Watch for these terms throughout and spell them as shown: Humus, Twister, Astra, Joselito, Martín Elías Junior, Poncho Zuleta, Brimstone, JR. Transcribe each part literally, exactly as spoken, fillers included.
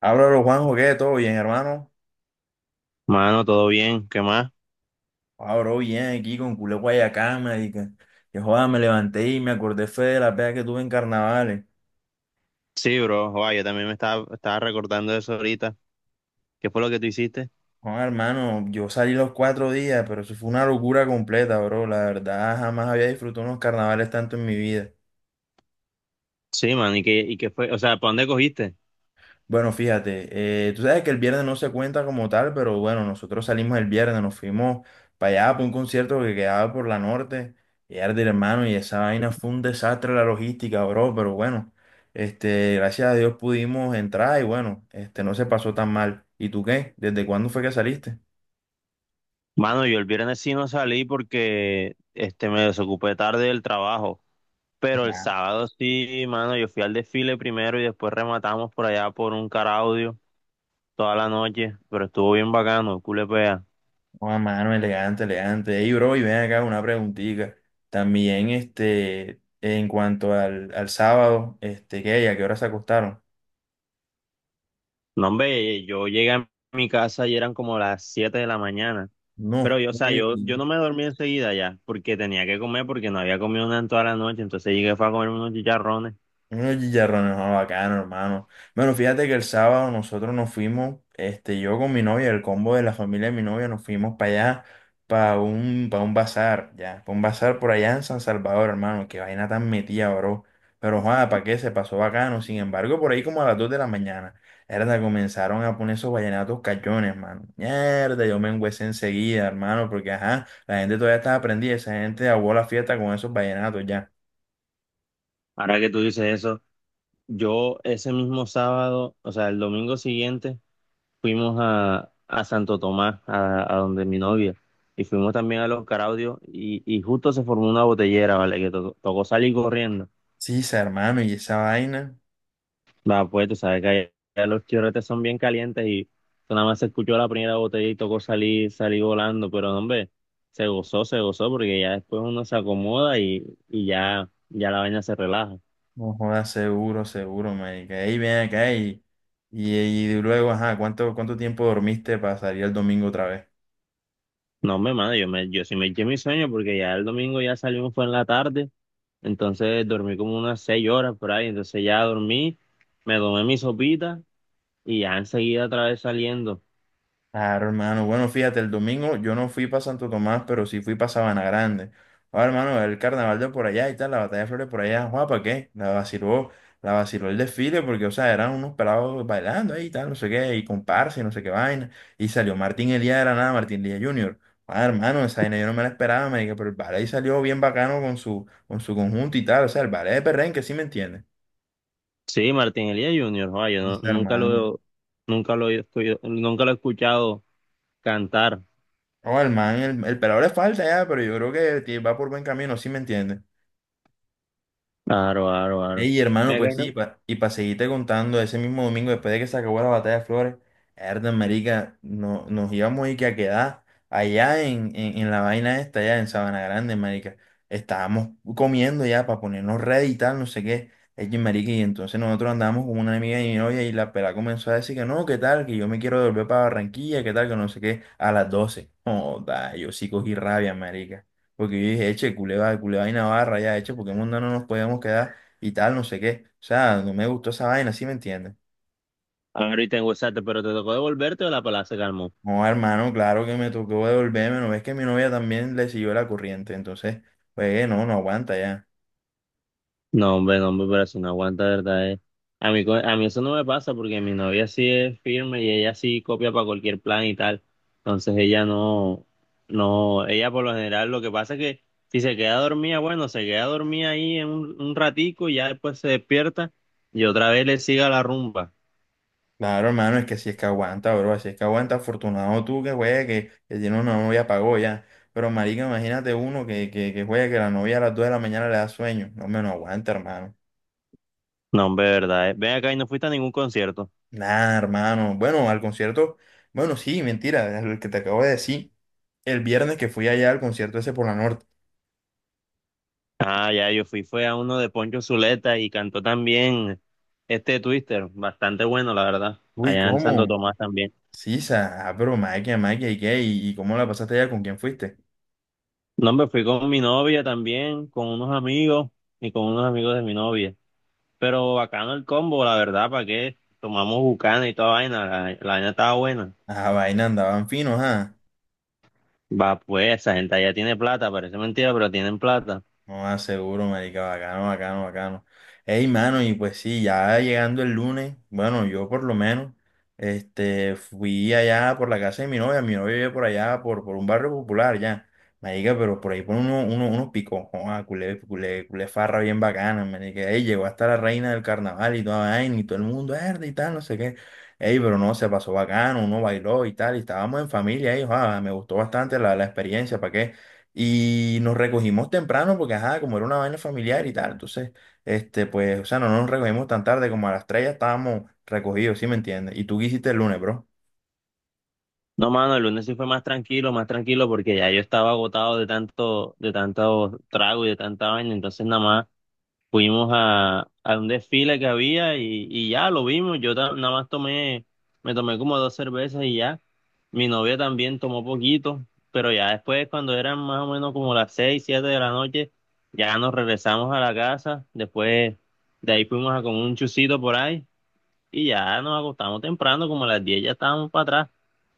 Háblalo, Juanjo, ¿qué? ¿Todo bien, hermano? Mano, todo bien, ¿qué más? Abro bien aquí con culé Guayacán, marica. Que joda, me levanté y me acordé fue de la pega que tuve en carnavales. Sí, bro, joa, yo también me estaba, estaba recordando de eso ahorita. ¿Qué fue lo que tú hiciste? Joda, hermano, yo salí los cuatro días, pero eso fue una locura completa, bro. La verdad, jamás había disfrutado unos carnavales tanto en mi vida. Sí, man, ¿y qué, y qué fue? O sea, ¿para dónde cogiste? Bueno, fíjate, eh, tú sabes que el viernes no se cuenta como tal, pero bueno, nosotros salimos el viernes, nos fuimos para allá, para un concierto que quedaba por la norte, y era de hermano, y esa vaina fue un desastre la logística, bro, pero bueno, este, gracias a Dios pudimos entrar y bueno, este, no se pasó tan mal. ¿Y tú qué? ¿Desde cuándo fue que saliste? Mano, yo el viernes sí no salí porque este, me desocupé tarde del trabajo, pero el Ya. sábado sí, mano, yo fui al desfile primero y después rematamos por allá por un caraudio toda la noche, pero estuvo bien bacano, culepea. Oh, mano, elegante, elegante. Ey, bro, y ven acá una preguntita. También, este, en cuanto al, al sábado, este, ¿qué? ¿Y ¿A qué hora se acostaron? No, hombre, yo llegué a mi casa y eran como las siete de la mañana. Pero No, yo, o sea, güey. yo, yo no me dormí enseguida ya, porque tenía que comer, porque no había comido nada en toda la noche, entonces llegué fue a comer unos chicharrones. Unos chicharrones, no, bacano, hermano. Bueno, fíjate que el sábado nosotros nos fuimos, este, yo con mi novia, el combo de la familia de mi novia, nos fuimos para allá, para un, para un bazar, ya, para un bazar por allá en San Salvador, hermano. Qué vaina tan metida, bro. Pero, joder, ¿para qué? Se pasó bacano. Sin embargo, por ahí como a las dos de la mañana, verdad, comenzaron a poner esos vallenatos cachones, hermano. Mierda, yo me engüesé enseguida, hermano, porque, ajá, la gente todavía estaba aprendida, esa gente aguó la fiesta con esos vallenatos, ya. Ahora que tú dices eso, yo ese mismo sábado, o sea, el domingo siguiente, fuimos a, a Santo Tomás, a, a donde mi novia, y fuimos también a Los Caraudios, y, y justo se formó una botellera, ¿vale? Que to- tocó salir corriendo. Sí, esa hermano, y esa vaina, Va, pues tú sabes que allá los chorretes son bien calientes y tú nada más se escuchó la primera botella y tocó salir, salir volando, pero hombre, se gozó, se gozó, porque ya después uno se acomoda y, y ya, ya la vaina se relaja. no joda, seguro, seguro, marica. Ey, ven acá y, y, y luego, ajá, ¿cuánto, ¿cuánto tiempo dormiste para salir el domingo otra vez? No, hombre, mano, yo, me, yo sí me eché mi sueño porque ya el domingo ya salimos, fue en la tarde, entonces dormí como unas seis horas por ahí, entonces ya dormí, me tomé mi sopita y ya enseguida otra vez saliendo. Claro, hermano. Bueno, fíjate, el domingo yo no fui para Santo Tomás, pero sí fui para Sabana Grande. Ahora, hermano, el carnaval de por allá y tal, la batalla de flores por allá, guapa, ¿qué? La vaciló, la vaciló el desfile, porque, o sea, eran unos pelados bailando ahí y tal, no sé qué, y comparsa y no sé qué vaina. Y salió Martín Elías de la nada, Martín Elías Junior. Ah, hermano, esa vaina yo no me la esperaba, me dije, pero el ballet salió bien bacano con su, con su conjunto y tal, o sea, el ballet de perrenque, ¿sí me entiendes? Sí, Martín Elías Junior, joa, yo no- Dice, nunca hermano. lo, nunca lo, he escu- nunca lo he escuchado cantar. Oh, el man, el, el pelado le falta ya, pero yo creo que tie- va por buen camino, ¿sí me entiende? Claro, claro, claro. Ey, hermano, Mira pues que sí, no. pa- y para seguirte contando, ese mismo domingo, después de que se acabó la batalla de Flores, herda, marica, no, nos íbamos y que a quedar allá en, en, en la vaina esta, allá en Sabana Grande, marica. Estábamos comiendo ya para ponernos ready y tal, no sé qué. Ey, marica, y entonces nosotros andábamos con una amiga de mi novia y la pela comenzó a decir que no, qué tal, que yo me quiero volver para Barranquilla, qué tal, que no sé qué, a las doce. Joda, yo sí cogí rabia, marica. Porque yo dije, eche, culé, va- culé vaina barra, ya, eche, porque en mundo no nos podíamos quedar y tal, no sé qué. O sea, no me gustó esa vaina, ¿sí me entiendes? Ahorita y te enguesaste, pero te tocó devolverte o la pala se calmó. No, hermano, claro que me tocó devolverme, no es que mi novia también le siguió la corriente, entonces, pues no, no aguanta ya. No, hombre, no, hombre, pero si no aguanta, de verdad. Eh. A mí, co- a mí eso no me pasa porque mi novia sí es firme y ella sí copia para cualquier plan y tal. Entonces ella no, no, ella por lo general lo que pasa es que si se queda dormida, bueno, se queda dormida ahí en un, un ratico y ya después se despierta y otra vez le sigue a la rumba. Claro, hermano, es que si es que aguanta, bro, si es que aguanta, afortunado tú que juegue, que, que tiene una novia pagó ya. Pero marica, imagínate uno que, que, que juegue, que la novia a las dos de la mañana le da sueño. No, me no aguanta, hermano. No, hombre, de verdad. Eh. Ven acá y no fuiste a ningún concierto. Nada, hermano. Bueno, al concierto, bueno, sí, mentira, el que te acabo de decir, el viernes que fui allá al concierto ese por la norte. Ah, ya, yo fui, fue a uno de Poncho Zuleta y cantó también este Twister, bastante bueno, la verdad, Uy, allá en Santo ¿cómo? Tomás también. Sí, sa, ah, pero maquia, maquia, ¿y qué? ¿Y, ¿y cómo la pasaste allá? ¿Con quién fuiste? No, me fui con mi novia también, con unos amigos y con unos amigos de mi novia. Pero bacano el combo, la verdad, ¿para qué? Tomamos bucana y toda vaina, la, la vaina estaba buena. Ah, vaina, andaban finos, ah. Va, pues, esa gente allá tiene plata, parece mentira, pero tienen plata. No, ah, seguro, marica, bacano, bacano, bacano. Ey, mano, y pues sí, ya llegando el lunes, bueno, yo por lo menos, este, fui allá por la casa de mi novia, mi novia vive por allá, por, por un barrio popular, ya. Marica, pero por ahí por uno, uno, unos picos, ah, culé, culé, culé farra bien bacana, marica. Ey, llegó hasta la reina del carnaval y toda vaina, y todo el mundo, verde y tal, no sé qué. Ey, pero no, se pasó bacano, uno bailó y tal, y estábamos en familia, ey, ah, me gustó bastante la, la experiencia, ¿para qué? Y nos recogimos temprano porque, ajá, como era una vaina familiar y tal, entonces, este, pues, o sea, no nos recogimos tan tarde como a las tres ya estábamos recogidos, ¿sí me entiendes? ¿Y tú qué hiciste el lunes, bro? No, mano, el lunes sí fue más tranquilo, más tranquilo, porque ya yo estaba agotado de tanto, de tanto trago y de tanta vaina, entonces nada más. Fuimos a, a un desfile que había y, y ya lo vimos. Yo ta- nada más tomé, Me tomé como dos cervezas y ya. Mi novia también tomó poquito, pero ya después, cuando eran más o menos como las seis, siete de la noche, ya nos regresamos a la casa. Después de ahí fuimos a comer un chucito por ahí y ya nos acostamos temprano, como a las diez ya estábamos para atrás,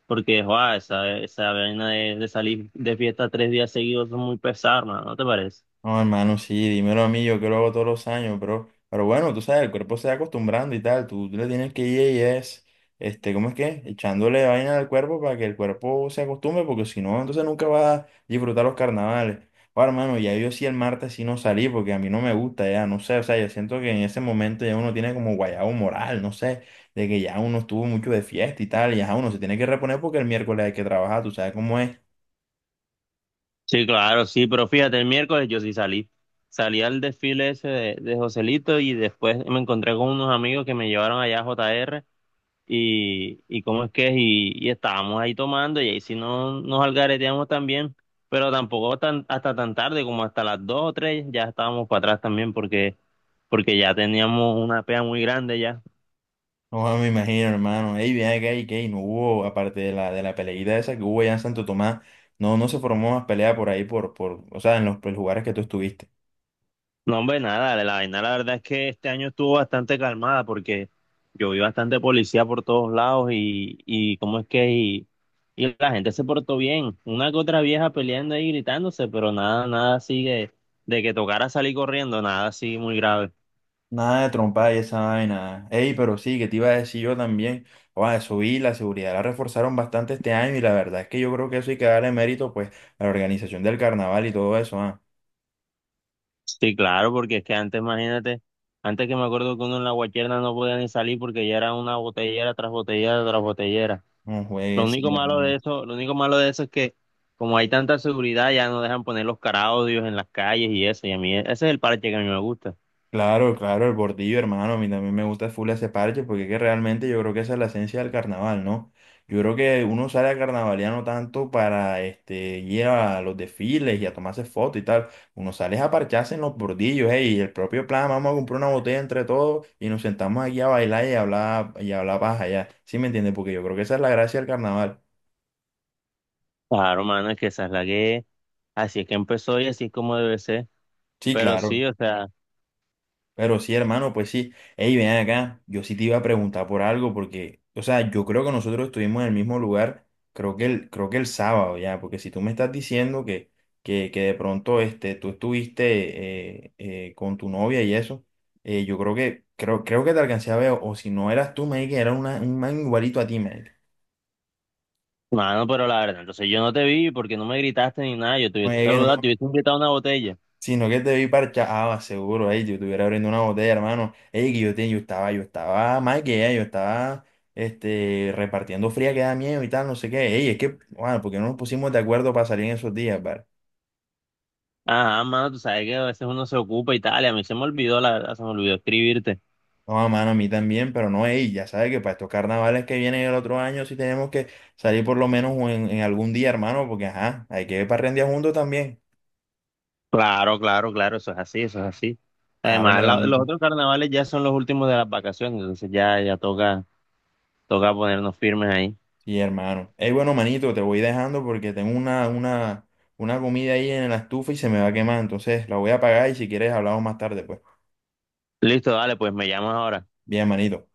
porque joa, esa, esa vaina de, de salir de fiesta tres días seguidos es muy pesada, hermano, ¿no te parece? No, hermano, sí, dímelo a mí, yo que lo hago todos los años, pero, pero bueno, tú sabes, el cuerpo se va acostumbrando y tal, tú, tú le tienes que ir y es, este, ¿cómo es que? Echándole vaina al cuerpo para que el cuerpo se acostumbre, porque si no, entonces nunca va a disfrutar los carnavales. Ahora, hermano, ya yo sí el martes sí no salí, porque a mí no me gusta, ya, no sé, o sea, yo siento que en ese momento ya uno tiene como guayabo moral, no sé, de que ya uno estuvo mucho de fiesta y tal, y ya uno se tiene que reponer porque el miércoles hay que trabajar, tú sabes cómo es. Sí, claro, sí, pero fíjate, el miércoles yo sí salí. Salí al desfile ese de, de Joselito y después me encontré con unos amigos que me llevaron allá a J R y, y cómo es que es, y, y estábamos ahí tomando y ahí sí no, nos algareteamos también, pero tampoco tan, hasta tan tarde como hasta las dos o tres ya estábamos para atrás también porque, porque ya teníamos una pea muy grande ya. No, me imagino, hermano. Ey, bien acá y que no hubo, aparte de la, de la peleita esa que hubo allá en Santo Tomás, no, no se formó más pelea por ahí, por, por, o sea, en los, pues, lugares que tú estuviste. No, hombre, nada, la vaina, la verdad es que este año estuvo bastante calmada porque yo vi bastante policía por todos lados y, y cómo es que, y, y la gente se portó bien, una que otra vieja peleando ahí gritándose, pero nada, nada sigue de, de que tocara salir corriendo, nada así muy grave. Nada de trompa y esa vaina. Ey, pero sí, que te iba a decir yo también. Oa, eso vi, la seguridad la reforzaron bastante este año y la verdad es que yo creo que eso hay que darle mérito, pues, a la organización del carnaval y todo eso, ah. Sí, claro, porque es que antes, imagínate, antes que me acuerdo que uno en la guacherna no podía ni salir porque ya era una botellera tras botellera tras botellera. No Lo juegues, único sí, malo de hermano. eso, lo único malo de eso es que como hay tanta seguridad ya no dejan poner los caraudios en las calles y eso, y a mí e, ese es el parche que a mí me gusta. Claro, claro, el bordillo, hermano, a mí también me gusta full ese parche porque es que realmente yo creo que esa es la esencia del carnaval, ¿no? Yo creo que uno sale a carnavalear no tanto para este, ir a los desfiles y a tomarse fotos y tal, uno sale a parcharse en los bordillos, ey, y el propio plan, vamos a comprar una botella entre todos y nos sentamos aquí a bailar y a hablar, y a hablar paja ya, ¿sí me entiendes? Porque yo creo que esa es la gracia del carnaval. Claro, mano, es que esa es la que, así es que empezó y así es como debe ser. Sí, Pero sí, claro. o sea, Pero sí, hermano, pues sí. Ey, ven acá. Yo sí te iba a preguntar por algo porque, o sea, yo creo que nosotros estuvimos en el mismo lugar, creo que el, creo que el sábado ya, porque si tú me estás diciendo que, que, que de pronto este, tú estuviste eh, eh, con tu novia y eso, eh, yo creo que, creo, creo que te alcancé a ver, o si no eras tú, me dije que era una, un man igualito a ti, me mano, pero la verdad, entonces yo no te vi porque no me gritaste ni nada, yo te hubiese dije. saludado, te hubiese invitado a una botella. Sino que te vi parchado, ah, seguro, ey, yo estuviera abriendo una botella, hermano. Ey, que yo, te, yo estaba, yo estaba más que ella, yo estaba este, repartiendo fría que da miedo y tal, no sé qué. Ey, es que, bueno, porque no nos pusimos de acuerdo para salir en esos días, par? Ajá, mano, tú sabes que a veces uno se ocupa y tal, y a mí se me olvidó, la verdad, se me olvidó escribirte. No, mano, a mí también, pero no, ey, ya sabes que para estos carnavales que vienen el otro año sí tenemos que salir por lo menos en, en algún día, hermano, porque ajá, hay que parrandear juntos también. Claro, claro, claro, eso es así, eso es así. Claro, mi Además, la- los hermanito. otros carnavales ya son los últimos de las vacaciones, entonces ya, ya toca, toca ponernos firmes ahí. Sí, hermano. Ey, bueno, manito, te voy dejando porque tengo una, una, una comida ahí en la estufa y se me va a quemar. Entonces la voy a apagar y si quieres hablamos más tarde, pues. Listo, dale, pues me llamas ahora. Bien, manito.